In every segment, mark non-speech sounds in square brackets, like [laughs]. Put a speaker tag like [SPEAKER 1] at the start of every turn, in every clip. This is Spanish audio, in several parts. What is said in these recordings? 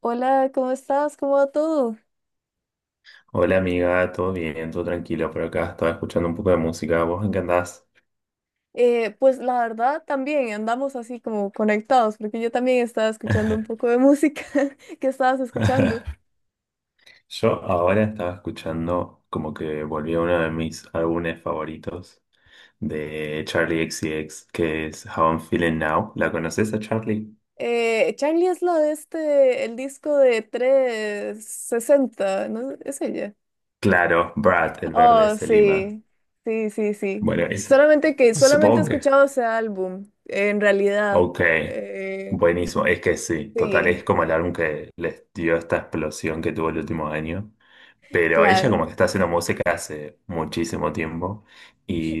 [SPEAKER 1] Hola, ¿cómo estás? ¿Cómo va todo?
[SPEAKER 2] Hola amiga, todo bien, todo tranquilo por acá. Estaba escuchando un poco de música. ¿Vos en qué andás?
[SPEAKER 1] Pues la verdad también andamos así como conectados, porque yo también estaba escuchando un poco de música [laughs] que estabas escuchando.
[SPEAKER 2] [laughs] Yo ahora estaba escuchando como que volví a uno de mis álbumes favoritos de Charlie X C X, que es How I'm Feeling Now. ¿La conoces a Charlie?
[SPEAKER 1] Charlie es la de el disco de 360, ¿no? ¿Es ella?
[SPEAKER 2] Claro, Brad, el verde de
[SPEAKER 1] Oh,
[SPEAKER 2] Selima.
[SPEAKER 1] sí, sí, sí, sí.
[SPEAKER 2] Bueno, es,
[SPEAKER 1] Solamente he
[SPEAKER 2] supongo que...
[SPEAKER 1] escuchado ese álbum, en realidad.
[SPEAKER 2] Ok,
[SPEAKER 1] Eh,
[SPEAKER 2] buenísimo. Es que sí, total, es
[SPEAKER 1] sí,
[SPEAKER 2] como el álbum que les dio esta explosión que tuvo el último año. Pero ella
[SPEAKER 1] claro.
[SPEAKER 2] como que está haciendo música hace muchísimo tiempo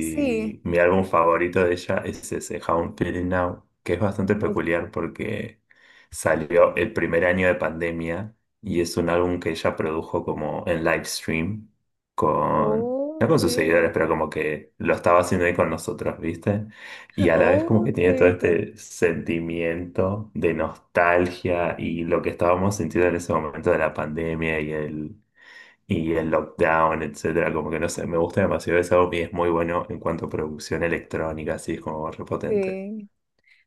[SPEAKER 1] Sí,
[SPEAKER 2] mi álbum favorito de ella es ese How I'm Feeling Now, que es bastante
[SPEAKER 1] pues,
[SPEAKER 2] peculiar porque salió el primer año de pandemia y es un álbum que ella produjo como en live stream con,
[SPEAKER 1] oh,
[SPEAKER 2] no con sus seguidores,
[SPEAKER 1] ok.
[SPEAKER 2] pero como que lo estaba haciendo ahí con nosotros, ¿viste? Y a la vez como
[SPEAKER 1] Oh,
[SPEAKER 2] que
[SPEAKER 1] qué
[SPEAKER 2] tiene todo
[SPEAKER 1] bonito.
[SPEAKER 2] este sentimiento de nostalgia y lo que estábamos sintiendo en ese momento de la pandemia y el lockdown, etcétera, como que no sé, me gusta demasiado ese álbum y es muy bueno en cuanto a producción electrónica, así es como repotente.
[SPEAKER 1] Sí,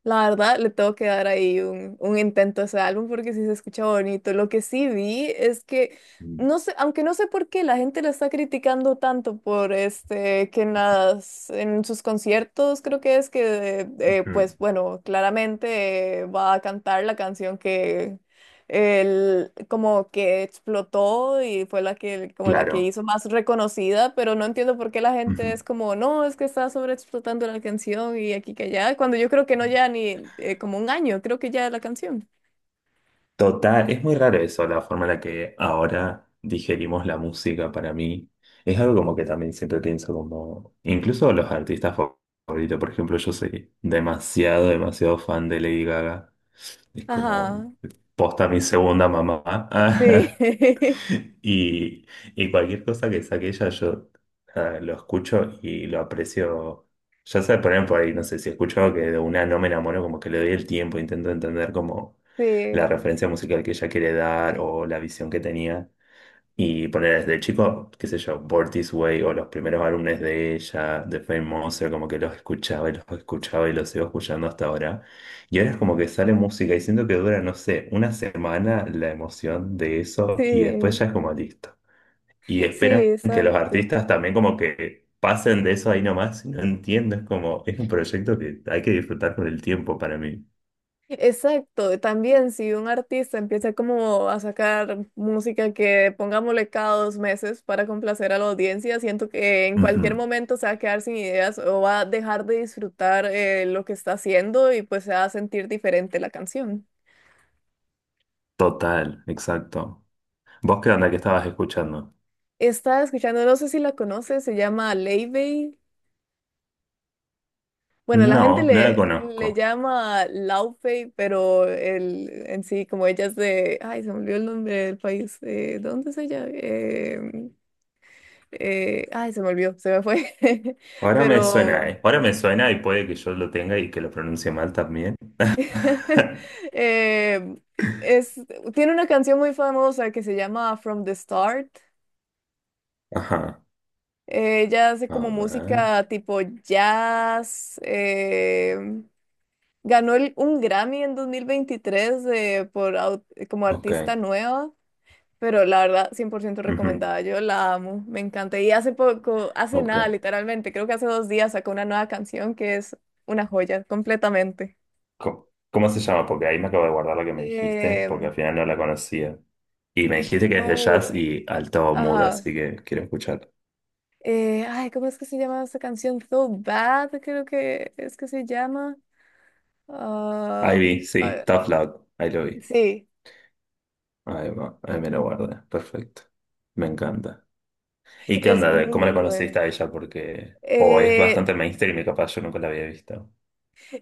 [SPEAKER 1] la verdad le tengo que dar ahí un intento a ese álbum porque sí se escucha bonito. Lo que sí vi es
[SPEAKER 2] Mm,
[SPEAKER 1] no sé, aunque no sé por qué la gente lo está criticando tanto por que en en sus conciertos creo que es
[SPEAKER 2] ujú,
[SPEAKER 1] pues bueno, claramente va a cantar la canción el, como que explotó y fue la que, como la que
[SPEAKER 2] claro.
[SPEAKER 1] hizo más reconocida, pero no entiendo por qué la gente
[SPEAKER 2] Ujú.
[SPEAKER 1] es como, no, es que está sobreexplotando la canción y aquí que allá, cuando yo creo que no ya ni como un año, creo que ya la canción.
[SPEAKER 2] Total, es muy raro eso, la forma en la que ahora digerimos la música para mí. Es algo como que también siempre pienso como, incluso los artistas favoritos, por ejemplo, yo soy demasiado, demasiado fan de Lady Gaga. Es como,
[SPEAKER 1] Ajá,
[SPEAKER 2] posta mi segunda mamá.
[SPEAKER 1] sí,
[SPEAKER 2] [laughs]
[SPEAKER 1] [laughs]
[SPEAKER 2] [laughs] Y, y cualquier cosa que saque ella, yo nada, lo escucho y lo aprecio. Ya sé, poner por ahí, no sé, si escucho algo que de una no me enamoro, como que le doy el tiempo, intento entender como la
[SPEAKER 1] sí,
[SPEAKER 2] referencia musical que ella quiere dar o la visión que tenía. Y poner desde chico, qué sé yo, Born This Way o los primeros álbumes de ella, de Fame Monster, como que los escuchaba y los escuchaba y los sigo escuchando hasta ahora. Y ahora es como que sale música y siento que dura, no sé, una semana la emoción de eso y después
[SPEAKER 1] sí,
[SPEAKER 2] ya es como listo. Y
[SPEAKER 1] sí,
[SPEAKER 2] esperan que los
[SPEAKER 1] exacto.
[SPEAKER 2] artistas también como que pasen de eso ahí nomás. Y no entiendo, es como, es un proyecto que hay que disfrutar con el tiempo para mí.
[SPEAKER 1] Exacto, también si un artista empieza como a sacar música que pongámosle cada dos meses para complacer a la audiencia, siento que en
[SPEAKER 2] Ujú,
[SPEAKER 1] cualquier momento se va a quedar sin ideas o va a dejar de disfrutar lo que está haciendo y pues se va a sentir diferente la canción.
[SPEAKER 2] total, exacto. ¿Vos qué onda que estabas escuchando?
[SPEAKER 1] Estaba escuchando, no sé si la conoces, se llama Laufey. Bueno, la gente
[SPEAKER 2] No, no la
[SPEAKER 1] le
[SPEAKER 2] conozco.
[SPEAKER 1] llama Laufey, pero el, en sí, como ella es de, ay, se me olvidó el nombre del país, ¿dónde es ella? Ay, se me olvidó, se me fue. [laughs]
[SPEAKER 2] Ahora me suena,
[SPEAKER 1] Pero
[SPEAKER 2] ¿eh? Ahora me suena y puede que yo lo tenga y que lo pronuncie mal también.
[SPEAKER 1] [laughs]
[SPEAKER 2] [laughs]
[SPEAKER 1] eh, es, tiene una canción muy famosa que se llama From the Start.
[SPEAKER 2] Ajá.
[SPEAKER 1] Ella hace
[SPEAKER 2] A
[SPEAKER 1] como
[SPEAKER 2] ver.
[SPEAKER 1] música tipo jazz. Ganó el- un Grammy en 2023 de- por, au- como artista
[SPEAKER 2] Ok.
[SPEAKER 1] nueva. Pero la verdad, 100%
[SPEAKER 2] Ujú,
[SPEAKER 1] recomendada. Yo la amo, me encanta. Y hace poco, hace
[SPEAKER 2] ok.
[SPEAKER 1] nada, literalmente, creo que hace 2 días sacó una nueva canción que es una joya, completamente.
[SPEAKER 2] Co- ¿Cómo se llama? Porque ahí me acabo de guardar la que me dijiste, porque
[SPEAKER 1] Eh,
[SPEAKER 2] al final no la conocía. Y me dijiste que es de jazz
[SPEAKER 1] Thor,
[SPEAKER 2] y alto mood,
[SPEAKER 1] ajá.
[SPEAKER 2] así que quiero escuchar.
[SPEAKER 1] Ay, ¿cómo es que se llama esa canción? So Bad, creo que es que se llama.
[SPEAKER 2] Ahí
[SPEAKER 1] Ah,
[SPEAKER 2] vi,
[SPEAKER 1] a
[SPEAKER 2] sí,
[SPEAKER 1] ver,
[SPEAKER 2] Tough Love, ahí lo vi.
[SPEAKER 1] sí,
[SPEAKER 2] Ahí va, ahí me lo guardé, perfecto. Me encanta. ¿Y qué
[SPEAKER 1] es
[SPEAKER 2] onda? De ¿Cómo
[SPEAKER 1] muy
[SPEAKER 2] la conociste
[SPEAKER 1] buena.
[SPEAKER 2] a ella? Porque, o es bastante
[SPEAKER 1] Eh,
[SPEAKER 2] mainstream y capaz yo nunca la había visto.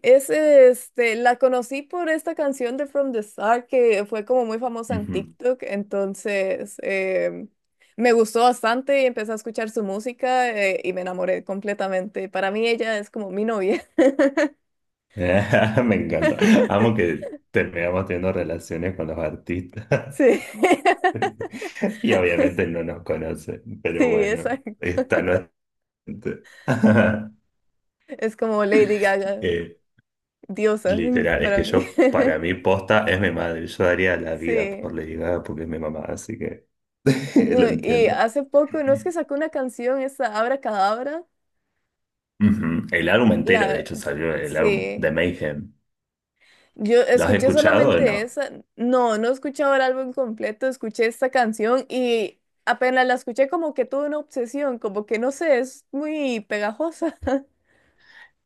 [SPEAKER 1] es este, la conocí por esta canción de From the Star que fue como muy famosa en TikTok, entonces me gustó bastante y empecé a escuchar su música y me enamoré completamente. Para mí ella es como mi novia. [laughs]
[SPEAKER 2] [laughs] Me encanta. Amo que terminamos teniendo relaciones con los artistas.
[SPEAKER 1] Sí, [laughs]
[SPEAKER 2] [laughs] Y obviamente no nos conocen,
[SPEAKER 1] sí,
[SPEAKER 2] pero bueno,
[SPEAKER 1] exacto.
[SPEAKER 2] está no. [laughs]
[SPEAKER 1] Es como Lady Gaga,
[SPEAKER 2] Eh,
[SPEAKER 1] diosa [laughs]
[SPEAKER 2] Literal, es
[SPEAKER 1] para
[SPEAKER 2] que
[SPEAKER 1] mí.
[SPEAKER 2] yo, para
[SPEAKER 1] [laughs]
[SPEAKER 2] mí, posta es mi madre. Yo daría la vida por
[SPEAKER 1] Sí.
[SPEAKER 2] Lady Gaga porque es mi mamá, así que [laughs]
[SPEAKER 1] No,
[SPEAKER 2] lo
[SPEAKER 1] y
[SPEAKER 2] entiendo.
[SPEAKER 1] hace poco, no es que sacó una canción, esa Abra Cadabra.
[SPEAKER 2] Ujú. El álbum entero, de
[SPEAKER 1] La,
[SPEAKER 2] hecho, salió el álbum de
[SPEAKER 1] sí.
[SPEAKER 2] Mayhem.
[SPEAKER 1] Yo
[SPEAKER 2] ¿Lo has
[SPEAKER 1] escuché
[SPEAKER 2] escuchado o
[SPEAKER 1] solamente
[SPEAKER 2] no?
[SPEAKER 1] esa. No, no he escuchado el álbum completo, escuché esta canción y apenas la escuché como que tuve una obsesión, como que no sé, es muy pegajosa. [laughs]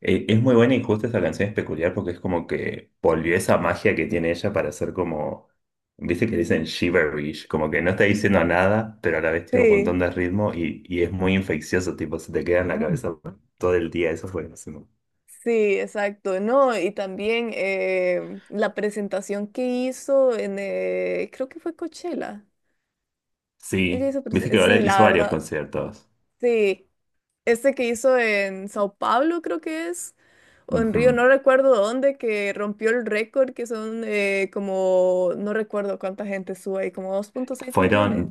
[SPEAKER 2] Es muy buena y justo esta canción es peculiar porque es como que volvió esa magia que tiene ella para ser como, viste que dicen shiverish, como que no está diciendo nada, pero a la vez tiene un
[SPEAKER 1] Sí,
[SPEAKER 2] montón de ritmo y es muy infeccioso, tipo, se te queda en la cabeza todo el día, eso fue buenísimo.
[SPEAKER 1] sí, exacto, ¿no? Y también la presentación que hizo creo que fue Coachella. Ella
[SPEAKER 2] Sí,
[SPEAKER 1] hizo
[SPEAKER 2] viste
[SPEAKER 1] prese-
[SPEAKER 2] que ahora
[SPEAKER 1] sí,
[SPEAKER 2] hizo
[SPEAKER 1] la
[SPEAKER 2] varios
[SPEAKER 1] verdad.
[SPEAKER 2] conciertos.
[SPEAKER 1] Sí. Este que hizo en Sao Paulo, creo que es. O en Río, no
[SPEAKER 2] Ujú.
[SPEAKER 1] recuerdo dónde, que rompió el récord, que son como, no recuerdo cuánta gente sube ahí, como 2,6 millones,
[SPEAKER 2] Fueron,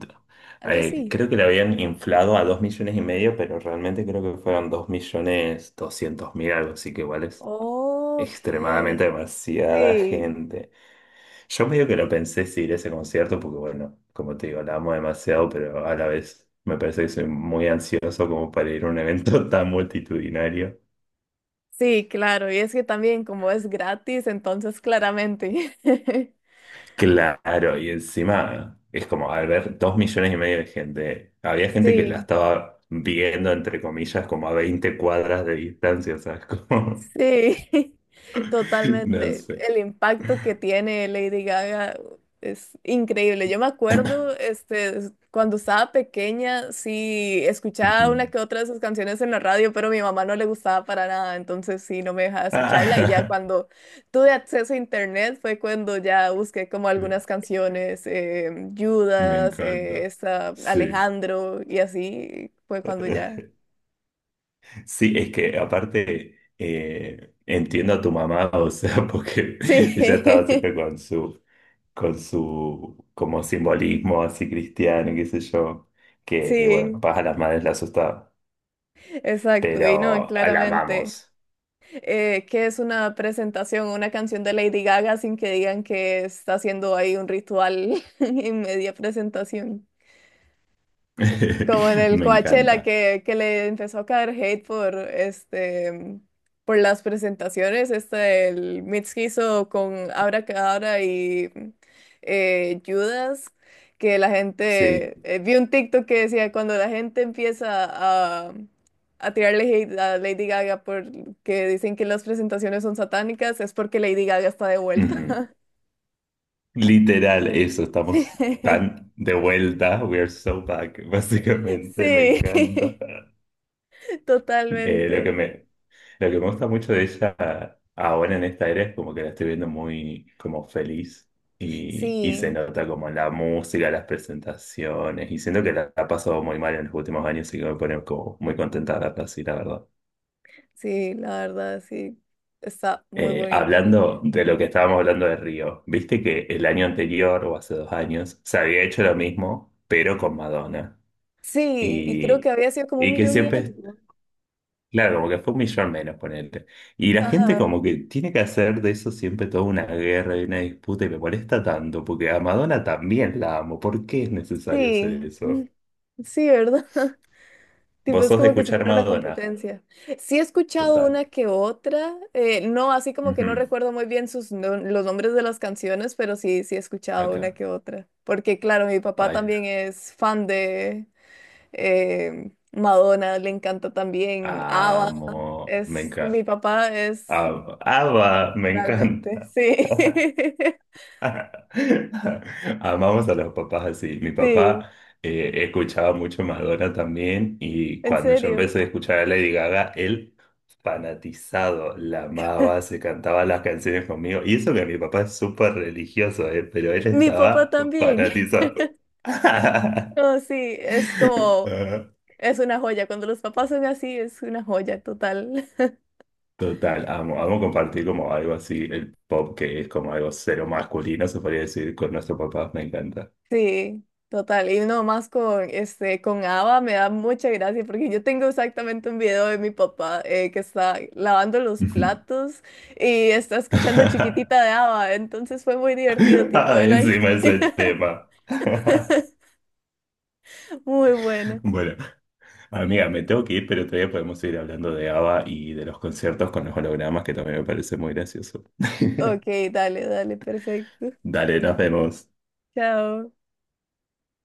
[SPEAKER 1] algo así.
[SPEAKER 2] creo que le habían inflado a 2,5 millones, pero realmente creo que fueron 2.200.000 algo, así que igual es
[SPEAKER 1] Ok.
[SPEAKER 2] extremadamente demasiada
[SPEAKER 1] Sí,
[SPEAKER 2] gente. Yo medio que lo pensé si ir a ese concierto, porque bueno, como te digo, la amo demasiado, pero a la vez me parece que soy muy ansioso como para ir a un evento [laughs] tan multitudinario.
[SPEAKER 1] sí, claro. Y es que también como es gratis, entonces claramente. [laughs]
[SPEAKER 2] Claro, y encima es como al ver 2,5 millones de gente, había gente que la
[SPEAKER 1] Sí.
[SPEAKER 2] estaba viendo, entre comillas, como a 20 cuadras de distancia, o sea, es como,
[SPEAKER 1] Sí, [laughs]
[SPEAKER 2] [laughs] no
[SPEAKER 1] totalmente.
[SPEAKER 2] sé.
[SPEAKER 1] El
[SPEAKER 2] Ujú.
[SPEAKER 1] impacto que tiene Lady Gaga es increíble. Yo me acuerdo, este, es- cuando estaba pequeña, sí, escuchaba una que
[SPEAKER 2] [laughs]
[SPEAKER 1] otra de sus canciones en la radio, pero a mi mamá no le gustaba para nada, entonces sí, no me dejaba escucharla. Y ya
[SPEAKER 2] Ah,
[SPEAKER 1] cuando tuve acceso a internet fue cuando ya busqué como algunas
[SPEAKER 2] [laughs]
[SPEAKER 1] canciones,
[SPEAKER 2] me
[SPEAKER 1] Judas,
[SPEAKER 2] encanta.
[SPEAKER 1] esta,
[SPEAKER 2] Sí.
[SPEAKER 1] Alejandro, y así fue cuando ya.
[SPEAKER 2] Sí, es que aparte entiendo a tu mamá, o sea, [laughs] porque
[SPEAKER 1] Sí,
[SPEAKER 2] ella estaba siempre con su, como simbolismo así cristiano, qué sé yo,
[SPEAKER 1] [laughs]
[SPEAKER 2] que bueno,
[SPEAKER 1] sí.
[SPEAKER 2] capaz a las madres la asustaba,
[SPEAKER 1] Exacto, y no,
[SPEAKER 2] pero la
[SPEAKER 1] claramente.
[SPEAKER 2] amamos.
[SPEAKER 1] ¿Que es una presentación, una canción de Lady Gaga sin que digan que está haciendo ahí un ritual [laughs] en media presentación? Como en
[SPEAKER 2] [laughs]
[SPEAKER 1] el
[SPEAKER 2] Me
[SPEAKER 1] Coachella
[SPEAKER 2] encanta.
[SPEAKER 1] que le empezó a caer hate por este por las presentaciones. Este el mix que hizo con Abracadabra y Judas, que la
[SPEAKER 2] Sí.
[SPEAKER 1] gente vi un TikTok que decía cuando la gente empieza a, a tirarle hate a Lady Gaga porque dicen que las presentaciones son satánicas, es porque Lady Gaga está de vuelta.
[SPEAKER 2] Ujú. Literal, eso, estamos
[SPEAKER 1] [laughs]
[SPEAKER 2] tan de vuelta, we are so back, [laughs] básicamente, me
[SPEAKER 1] Sí,
[SPEAKER 2] encanta.
[SPEAKER 1] [laughs] sí, [laughs]
[SPEAKER 2] Eh, lo que
[SPEAKER 1] totalmente.
[SPEAKER 2] me, Lo que me gusta mucho de ella ahora en esta era es como que la estoy viendo muy como feliz y se
[SPEAKER 1] Sí.
[SPEAKER 2] nota como en la música, las presentaciones y siento que la ha pasado muy mal en los últimos años y que me pone como muy contenta de verla así, la verdad.
[SPEAKER 1] Sí, la verdad, sí, está muy bonito.
[SPEAKER 2] Hablando de lo que estábamos hablando de Río, viste que el año anterior o hace 2 años se había hecho lo mismo pero con Madonna
[SPEAKER 1] Sí, y creo
[SPEAKER 2] y,
[SPEAKER 1] que había sido como un
[SPEAKER 2] y que
[SPEAKER 1] millón y
[SPEAKER 2] siempre
[SPEAKER 1] algo.
[SPEAKER 2] claro, porque fue un millón menos, ponerte. Y la gente
[SPEAKER 1] Ajá,
[SPEAKER 2] como que tiene que hacer de eso siempre toda una guerra y una disputa y me molesta tanto, porque a Madonna también la amo. ¿Por qué es necesario hacer
[SPEAKER 1] sí, mm,
[SPEAKER 2] eso?
[SPEAKER 1] sí, ¿verdad? [laughs] Tipo,
[SPEAKER 2] Vos
[SPEAKER 1] es
[SPEAKER 2] sos de
[SPEAKER 1] como que si
[SPEAKER 2] escuchar
[SPEAKER 1] fuera una
[SPEAKER 2] Madonna,
[SPEAKER 1] competencia. Sí he escuchado
[SPEAKER 2] total.
[SPEAKER 1] una que otra, no, así como que
[SPEAKER 2] Ujú,
[SPEAKER 1] no recuerdo muy bien sus, no- los nombres de las canciones, pero sí, sí he escuchado una
[SPEAKER 2] acá.
[SPEAKER 1] que otra. Porque claro, mi papá
[SPEAKER 2] Ay,
[SPEAKER 1] también es fan de Madonna, le encanta también ABBA.
[SPEAKER 2] amo, me
[SPEAKER 1] Es,
[SPEAKER 2] encanta.
[SPEAKER 1] mi papá es
[SPEAKER 2] Amo, ama, me
[SPEAKER 1] realmente,
[SPEAKER 2] encanta.
[SPEAKER 1] sí.
[SPEAKER 2] [laughs]
[SPEAKER 1] [laughs]
[SPEAKER 2] [laughs] Amamos a los papás así. Mi
[SPEAKER 1] Sí,
[SPEAKER 2] papá escuchaba mucho Madonna también y
[SPEAKER 1] en
[SPEAKER 2] cuando yo
[SPEAKER 1] serio.
[SPEAKER 2] empecé a escuchar a Lady Gaga, él fanatizado, la amaba, se cantaba las canciones conmigo. Y eso que mi papá es súper religioso, pero él
[SPEAKER 1] Mi papá
[SPEAKER 2] estaba
[SPEAKER 1] también. [laughs]
[SPEAKER 2] fanatizado. [laughs]
[SPEAKER 1] No, sí, es como,
[SPEAKER 2] Ah,
[SPEAKER 1] es una joya. Cuando los papás son así, es una joya total. [laughs]
[SPEAKER 2] total, amo, amo compartir como algo así, el pop que es como algo cero masculino, se podría decir, con nuestro papá, me encanta.
[SPEAKER 1] Sí, total. Y no más con, este, con Ava me da mucha gracia porque yo tengo exactamente un video de mi papá que está lavando los platos y está escuchando
[SPEAKER 2] [laughs]
[SPEAKER 1] Chiquitita de Ava. Entonces fue muy divertido,
[SPEAKER 2] [laughs]
[SPEAKER 1] tipo,
[SPEAKER 2] Ay,
[SPEAKER 1] él ahí.
[SPEAKER 2] encima ese
[SPEAKER 1] [laughs]
[SPEAKER 2] tema. [laughs]
[SPEAKER 1] Muy bueno.
[SPEAKER 2] Bueno, amiga, me tengo que ir, pero todavía podemos seguir hablando de ABBA y de los conciertos con los hologramas, que también me parece muy gracioso.
[SPEAKER 1] Ok, dale, dale, perfecto.
[SPEAKER 2] Dale, nos vemos.
[SPEAKER 1] Chao.